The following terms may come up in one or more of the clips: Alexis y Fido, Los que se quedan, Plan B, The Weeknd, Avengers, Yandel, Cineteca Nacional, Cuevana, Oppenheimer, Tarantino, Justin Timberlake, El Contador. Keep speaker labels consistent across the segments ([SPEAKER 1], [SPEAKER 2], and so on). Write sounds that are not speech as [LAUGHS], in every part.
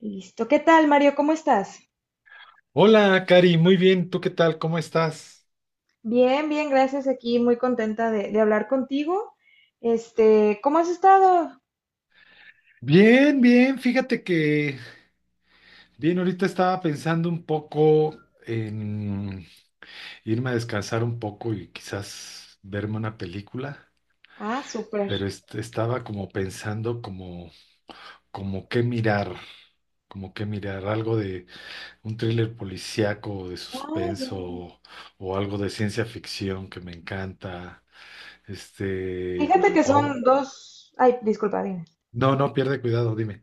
[SPEAKER 1] Listo. ¿Qué tal, Mario? ¿Cómo estás?
[SPEAKER 2] Hola, Cari, muy bien. ¿Tú qué tal? ¿Cómo estás?
[SPEAKER 1] Bien, bien, gracias. Aquí muy contenta de hablar contigo. Este, ¿cómo has estado?
[SPEAKER 2] Bien, bien. Fíjate que, bien, ahorita estaba pensando un poco en irme a descansar un poco y quizás verme una película,
[SPEAKER 1] Ah, súper.
[SPEAKER 2] pero estaba como pensando como, como qué mirar, como qué mirar, algo de un thriller policíaco, de
[SPEAKER 1] Ah, ya.
[SPEAKER 2] suspenso o algo de ciencia ficción que me encanta. Este,
[SPEAKER 1] Fíjate que
[SPEAKER 2] o
[SPEAKER 1] son dos. Ay, disculpa, dime.
[SPEAKER 2] no, no pierde cuidado, dime.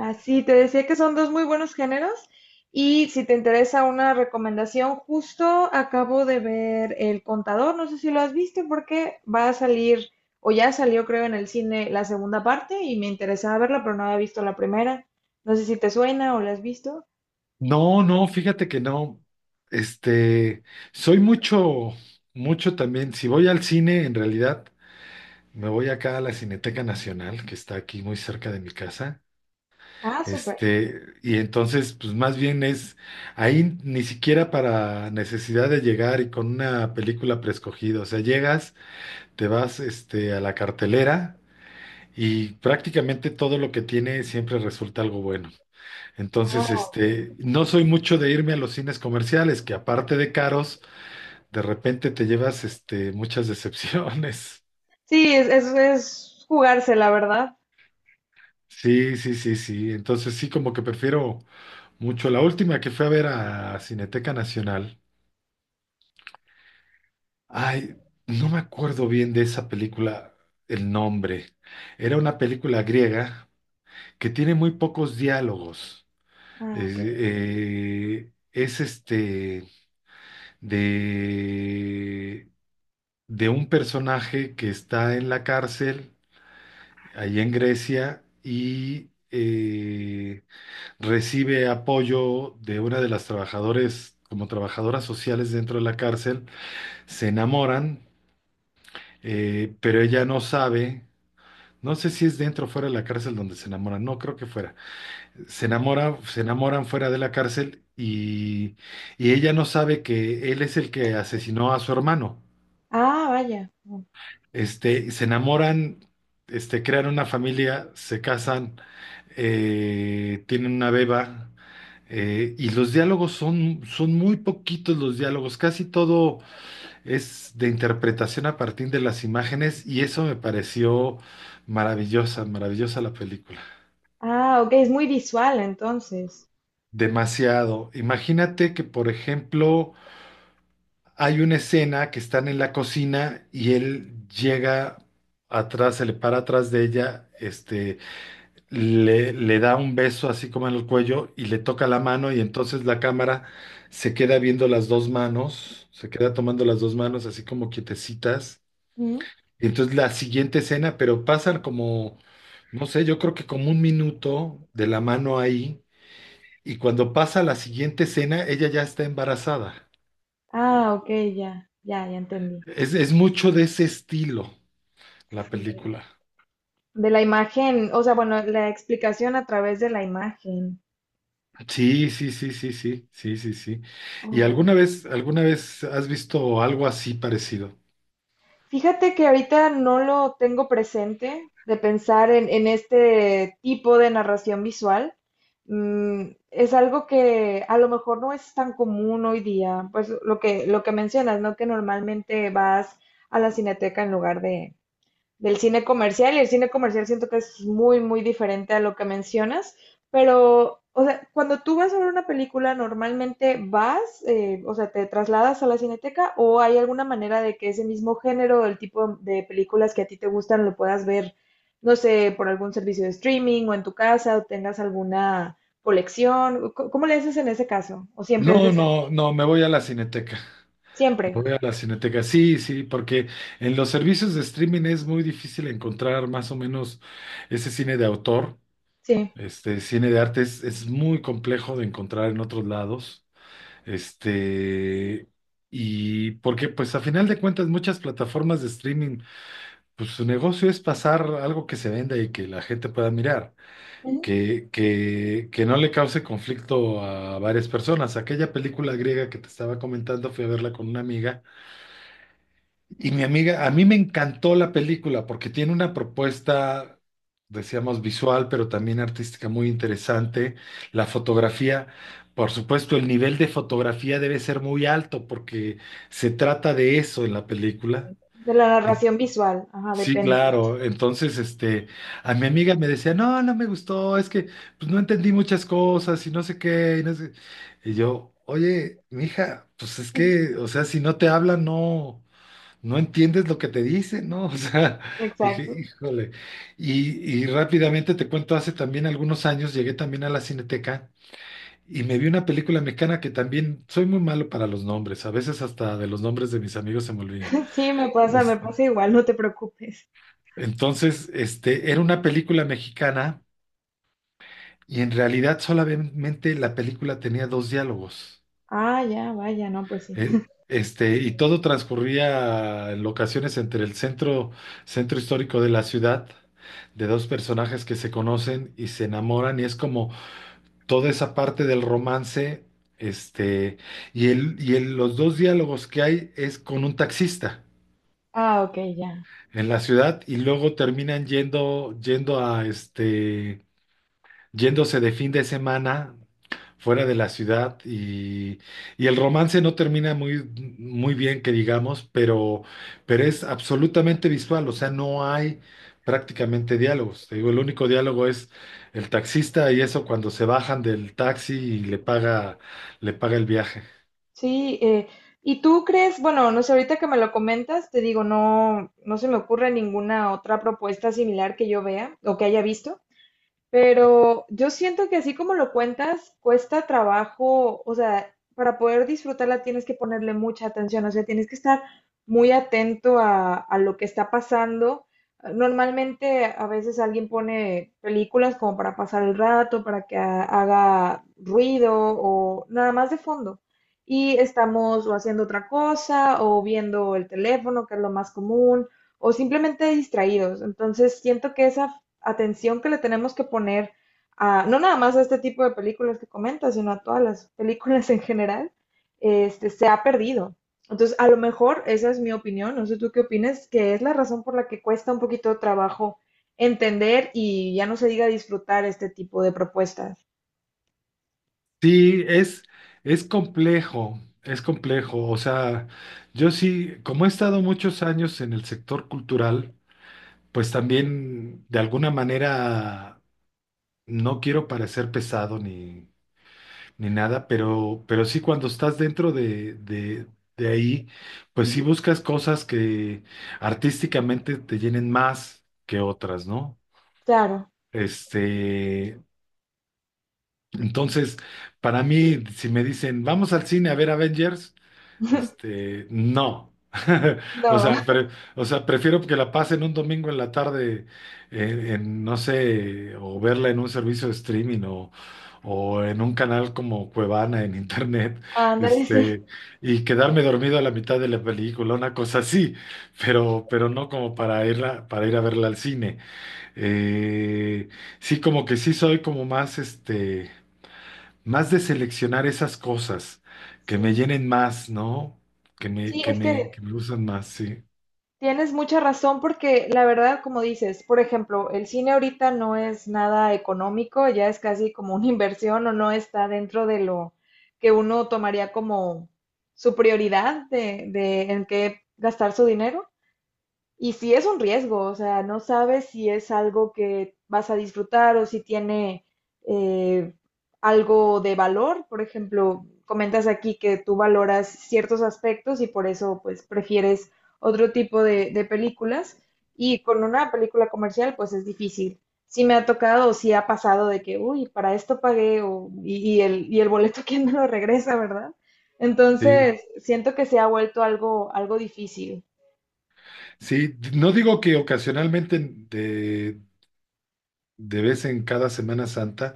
[SPEAKER 1] Ah, sí, te decía que son dos muy buenos géneros. Y si te interesa una recomendación, justo acabo de ver El Contador. No sé si lo has visto, porque va a salir, o ya salió, creo, en el cine la segunda parte y me interesaba verla, pero no había visto la primera. No sé si te suena o la has visto.
[SPEAKER 2] No, no, fíjate que no. Este, soy mucho, mucho también. Si voy al cine, en realidad, me voy acá a la Cineteca Nacional, que está aquí muy cerca de mi casa.
[SPEAKER 1] Ah, súper.
[SPEAKER 2] Y entonces, pues más bien es ahí ni siquiera para necesidad de llegar y con una película preescogida. O sea, llegas, te vas, a la cartelera y prácticamente todo lo que tiene siempre resulta algo bueno. Entonces,
[SPEAKER 1] Ah,
[SPEAKER 2] no soy mucho de irme a los cines comerciales, que aparte de caros, de repente te llevas, muchas decepciones. [LAUGHS]
[SPEAKER 1] sí, es jugársela, ¿verdad?
[SPEAKER 2] Sí, sí, sí, sí. Entonces sí, como que prefiero mucho. La última que fui a ver a Cineteca Nacional. Ay, no me acuerdo bien de esa película, el nombre. Era una película griega que tiene muy pocos diálogos.
[SPEAKER 1] Ah, ok.
[SPEAKER 2] Es de de un personaje que está en la cárcel, ahí en Grecia, y recibe apoyo de una de las trabajadores, como trabajadoras sociales dentro de la cárcel, se enamoran, pero ella no sabe. No sé si es dentro o fuera de la cárcel donde se enamoran, no creo que fuera. Se enamoran fuera de la cárcel y ella no sabe que él es el que asesinó a su hermano.
[SPEAKER 1] Ah, vaya.
[SPEAKER 2] Se enamoran, crean una familia, se casan, tienen una beba, y los diálogos son muy poquitos los diálogos, casi todo es de interpretación a partir de las imágenes, y eso me pareció maravillosa, maravillosa la película.
[SPEAKER 1] Ah, ok, es muy visual entonces.
[SPEAKER 2] Demasiado. Imagínate que, por ejemplo, hay una escena que están en la cocina y él llega atrás, se le para atrás de ella, le da un beso así como en el cuello y le toca la mano y entonces la cámara se queda viendo las dos manos, se queda tomando las dos manos así como quietecitas.
[SPEAKER 1] Ujú.
[SPEAKER 2] Y entonces la siguiente escena, pero pasan como, no sé, yo creo que como un minuto de la mano ahí y cuando pasa la siguiente escena, ella ya está embarazada.
[SPEAKER 1] Ah, ok, ya, ya, ya entendí.
[SPEAKER 2] Es mucho de ese estilo la
[SPEAKER 1] Sí.
[SPEAKER 2] película.
[SPEAKER 1] De la imagen, o sea, bueno, la explicación a través de la imagen.
[SPEAKER 2] Sí, sí, sí, sí, sí, sí, sí, sí. ¿Y alguna vez has visto algo así parecido?
[SPEAKER 1] Fíjate que ahorita no lo tengo presente de pensar en este tipo de narración visual. Mm, es algo que a lo mejor no es tan común hoy día, pues lo que mencionas, ¿no? Que normalmente vas a la cineteca en lugar del cine comercial, y el cine comercial siento que es muy diferente a lo que mencionas, pero, o sea, cuando tú vas a ver una película, normalmente vas, o sea, te trasladas a la cineteca o hay alguna manera de que ese mismo género o el tipo de películas que a ti te gustan lo puedas ver, no sé, por algún servicio de streaming o en tu casa o tengas alguna colección. ¿Cómo le haces en ese caso? ¿O siempre es
[SPEAKER 2] No,
[SPEAKER 1] de salir?
[SPEAKER 2] no, no, me voy a la Cineteca. Me
[SPEAKER 1] Siempre,
[SPEAKER 2] voy a la Cineteca. Sí, sí, porque en los servicios de streaming es muy difícil encontrar más o menos ese cine de autor,
[SPEAKER 1] sí.
[SPEAKER 2] este cine de arte es muy complejo de encontrar en otros lados. Este, y porque pues a final de cuentas muchas plataformas de streaming, pues su negocio es pasar algo que se venda y que la gente pueda mirar
[SPEAKER 1] Ujú.
[SPEAKER 2] que no le cause conflicto a varias personas. Aquella película griega que te estaba comentando, fui a verla con una amiga y mi amiga, a mí me encantó la película porque tiene una propuesta, decíamos, visual, pero también artística muy interesante. La fotografía, por supuesto, el nivel de fotografía debe ser muy alto porque se trata de eso en la película.
[SPEAKER 1] De la narración visual, ajá,
[SPEAKER 2] Sí,
[SPEAKER 1] depende mucho.
[SPEAKER 2] claro. Entonces, a mi amiga me decía, no, no me gustó, es que pues, no entendí muchas cosas y no sé qué, y no sé". Y yo, oye, mija, pues es
[SPEAKER 1] Ujú.
[SPEAKER 2] que, o sea, si no te hablan, no, no entiendes lo que te dicen, ¿no? [LAUGHS] O sea, dije,
[SPEAKER 1] Exacto.
[SPEAKER 2] híjole. Y rápidamente te cuento, hace también algunos años llegué también a la Cineteca y me vi una película mexicana que también soy muy malo para los nombres, a veces hasta de los nombres de mis amigos se me olvidan.
[SPEAKER 1] Sí, me pasa igual, no te preocupes.
[SPEAKER 2] Entonces, era una película mexicana y en realidad solamente la película tenía dos diálogos.
[SPEAKER 1] Ah, ya, vaya, no, pues sí.
[SPEAKER 2] Y todo transcurría en locaciones entre el centro, centro histórico de la ciudad, de dos personajes que se conocen y se enamoran, y es como toda esa parte del romance, este, los dos diálogos que hay es con un taxista
[SPEAKER 1] Ah, ok, ya.
[SPEAKER 2] en la ciudad, y luego terminan yendo, yendo a este yéndose de fin de semana fuera de la ciudad y el romance no termina muy, muy bien, que digamos, pero es absolutamente visual, o sea, no hay prácticamente diálogos. Te digo, el único diálogo es el taxista y eso cuando se bajan del taxi y le paga el viaje.
[SPEAKER 1] Sí, ¿y tú crees? Bueno, no sé, ahorita que me lo comentas, te digo, no, no se me ocurre ninguna otra propuesta similar que yo vea o que haya visto. Pero yo siento que así como lo cuentas, cuesta trabajo, o sea, para poder disfrutarla tienes que ponerle mucha atención, o sea, tienes que estar muy atento a lo que está pasando. Normalmente a veces alguien pone películas como para pasar el rato, para que haga ruido o nada más de fondo. Y estamos o haciendo otra cosa o viendo el teléfono, que es lo más común, o simplemente distraídos. Entonces siento que esa atención que le tenemos que poner a, no nada más a este tipo de películas que comentas, sino a todas las películas en general, este, se ha perdido. Entonces, a lo mejor esa es mi opinión, no sé tú qué opinas, que es la razón por la que cuesta un poquito de trabajo entender y ya no se diga disfrutar este tipo de propuestas.
[SPEAKER 2] Sí, es complejo, es complejo. O sea, yo sí, como he estado muchos años en el sector cultural, pues también de alguna manera no quiero parecer pesado ni nada, pero sí cuando estás dentro de ahí, pues sí
[SPEAKER 1] Ujú.
[SPEAKER 2] buscas cosas que artísticamente te llenen más que otras, ¿no?
[SPEAKER 1] Claro,
[SPEAKER 2] Este, entonces, para mí, si me dicen, vamos al cine a ver Avengers,
[SPEAKER 1] [LAUGHS]
[SPEAKER 2] No. [LAUGHS] O
[SPEAKER 1] no,
[SPEAKER 2] sea, prefiero que la pasen un domingo en la tarde en, no sé, o verla en un servicio de streaming o en un canal como Cuevana en internet,
[SPEAKER 1] ándale, sí.
[SPEAKER 2] este, y quedarme dormido a la mitad de la película, una cosa así, pero no como para ir a verla al cine. Eh, sí, como que sí soy como más, más de seleccionar esas cosas que me
[SPEAKER 1] Sí.
[SPEAKER 2] llenen más, ¿no? Que me,
[SPEAKER 1] Sí,
[SPEAKER 2] que
[SPEAKER 1] es
[SPEAKER 2] me,
[SPEAKER 1] que
[SPEAKER 2] que me gustan más, sí.
[SPEAKER 1] tienes mucha razón, porque la verdad, como dices, por ejemplo, el cine ahorita no es nada económico, ya es casi como una [LAUGHS] inversión o no está dentro de lo que uno tomaría como su prioridad de en qué gastar su dinero. Y sí es un riesgo, o sea, no sabes si es algo que vas a disfrutar o si tiene eh, algo de valor. Por ejemplo, comentas aquí que tú valoras ciertos aspectos y por eso pues prefieres otro tipo de películas. Y con una película comercial pues es difícil. Sí me ha tocado o sí ha pasado de que, uy, para esto pagué y el boleto [LAUGHS] quién me lo regresa, ¿verdad?
[SPEAKER 2] Sí,
[SPEAKER 1] Entonces, siento que se ha vuelto algo, algo difícil.
[SPEAKER 2] sí. No digo que ocasionalmente de vez en cada Semana Santa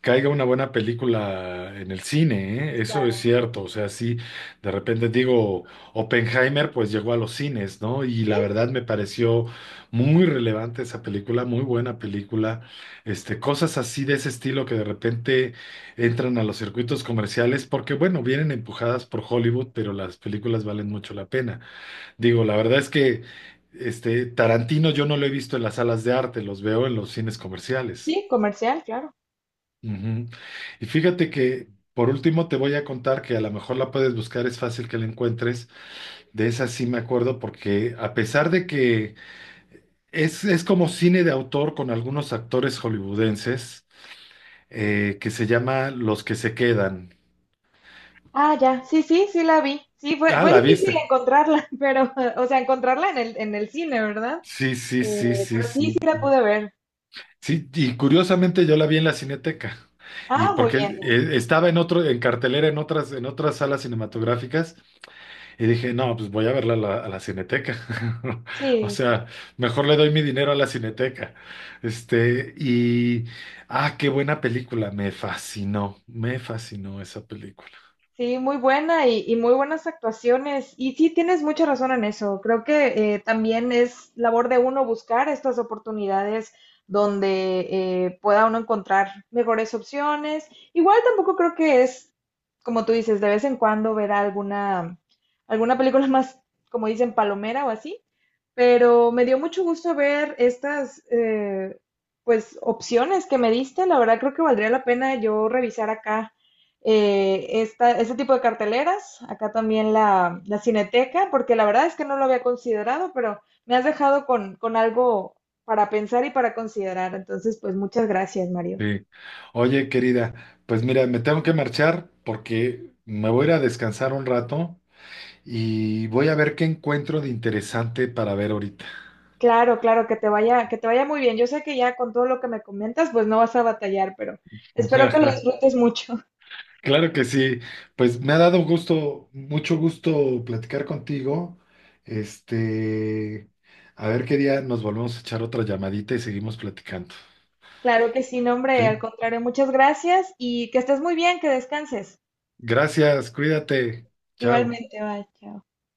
[SPEAKER 2] caiga una buena película en el cine, ¿eh? Eso es cierto, o sea, sí, de repente digo, Oppenheimer pues llegó a los cines, ¿no? Y la verdad me pareció muy relevante esa película, muy buena película, cosas así de ese estilo que de repente entran a los circuitos comerciales porque, bueno, vienen empujadas por Hollywood, pero las películas valen mucho la pena. Digo, la verdad es que este Tarantino yo no lo he visto en las salas de arte, los veo en los cines comerciales.
[SPEAKER 1] Sí, comercial, claro.
[SPEAKER 2] Ujú. Y fíjate que por último te voy a contar que a lo mejor la puedes buscar, es fácil que la encuentres. De esa sí me acuerdo porque a pesar de que es como cine de autor con algunos actores hollywoodenses que se llama Los que se quedan.
[SPEAKER 1] Ah, ya, sí, sí, sí la vi. Sí, fue,
[SPEAKER 2] Ah,
[SPEAKER 1] fue
[SPEAKER 2] la
[SPEAKER 1] difícil
[SPEAKER 2] viste.
[SPEAKER 1] encontrarla, [LAUGHS] pero, o sea, encontrarla en el cine, ¿verdad?
[SPEAKER 2] Sí, sí, sí, sí,
[SPEAKER 1] Pero sí, sí
[SPEAKER 2] sí.
[SPEAKER 1] la pude ver.
[SPEAKER 2] Sí, y curiosamente yo la vi en la Cineteca. Y
[SPEAKER 1] Ah, muy
[SPEAKER 2] porque
[SPEAKER 1] bien.
[SPEAKER 2] estaba en cartelera en en otras salas cinematográficas, y dije, no, pues voy a verla a la Cineteca. [LAUGHS] O
[SPEAKER 1] Sí.
[SPEAKER 2] sea, mejor le doy mi dinero a la Cineteca. Este, y qué buena película. Me fascinó esa película.
[SPEAKER 1] Sí, muy buena y muy buenas actuaciones. Y sí, tienes mucha razón en eso. Creo que también es labor de uno buscar estas oportunidades donde pueda uno encontrar mejores opciones. Igual tampoco creo que es, como tú dices, de vez en cuando ver alguna, alguna película [LAUGHS] más, como dicen, palomera o así. Pero me dio mucho gusto ver estas pues opciones que me diste. La verdad creo que valdría la pena yo revisar acá esta, este tipo de carteleras, acá también la Cineteca, porque la verdad es que no lo había considerado, pero me has dejado con algo para pensar y para considerar. Entonces, pues muchas gracias, Mario.
[SPEAKER 2] Sí. Oye, querida, pues mira, me tengo que marchar porque me voy a ir a descansar un rato y voy a ver qué encuentro de interesante para ver ahorita.
[SPEAKER 1] Claro, claro, que te vaya muy bien. Yo sé que ya con todo lo que me comentas, pues no vas a batallar, pero
[SPEAKER 2] [LAUGHS]
[SPEAKER 1] espero que lo
[SPEAKER 2] Ajá,
[SPEAKER 1] disfrutes mucho.
[SPEAKER 2] claro que sí. Pues me ha dado gusto, mucho gusto platicar contigo. Este, a ver qué día nos volvemos a echar otra llamadita y seguimos platicando.
[SPEAKER 1] Claro que sí, no, hombre,
[SPEAKER 2] ¿Sí?
[SPEAKER 1] al contrario, muchas gracias y que estés muy bien, que descanses.
[SPEAKER 2] Gracias, cuídate. Chao.
[SPEAKER 1] Igualmente, bye, chao.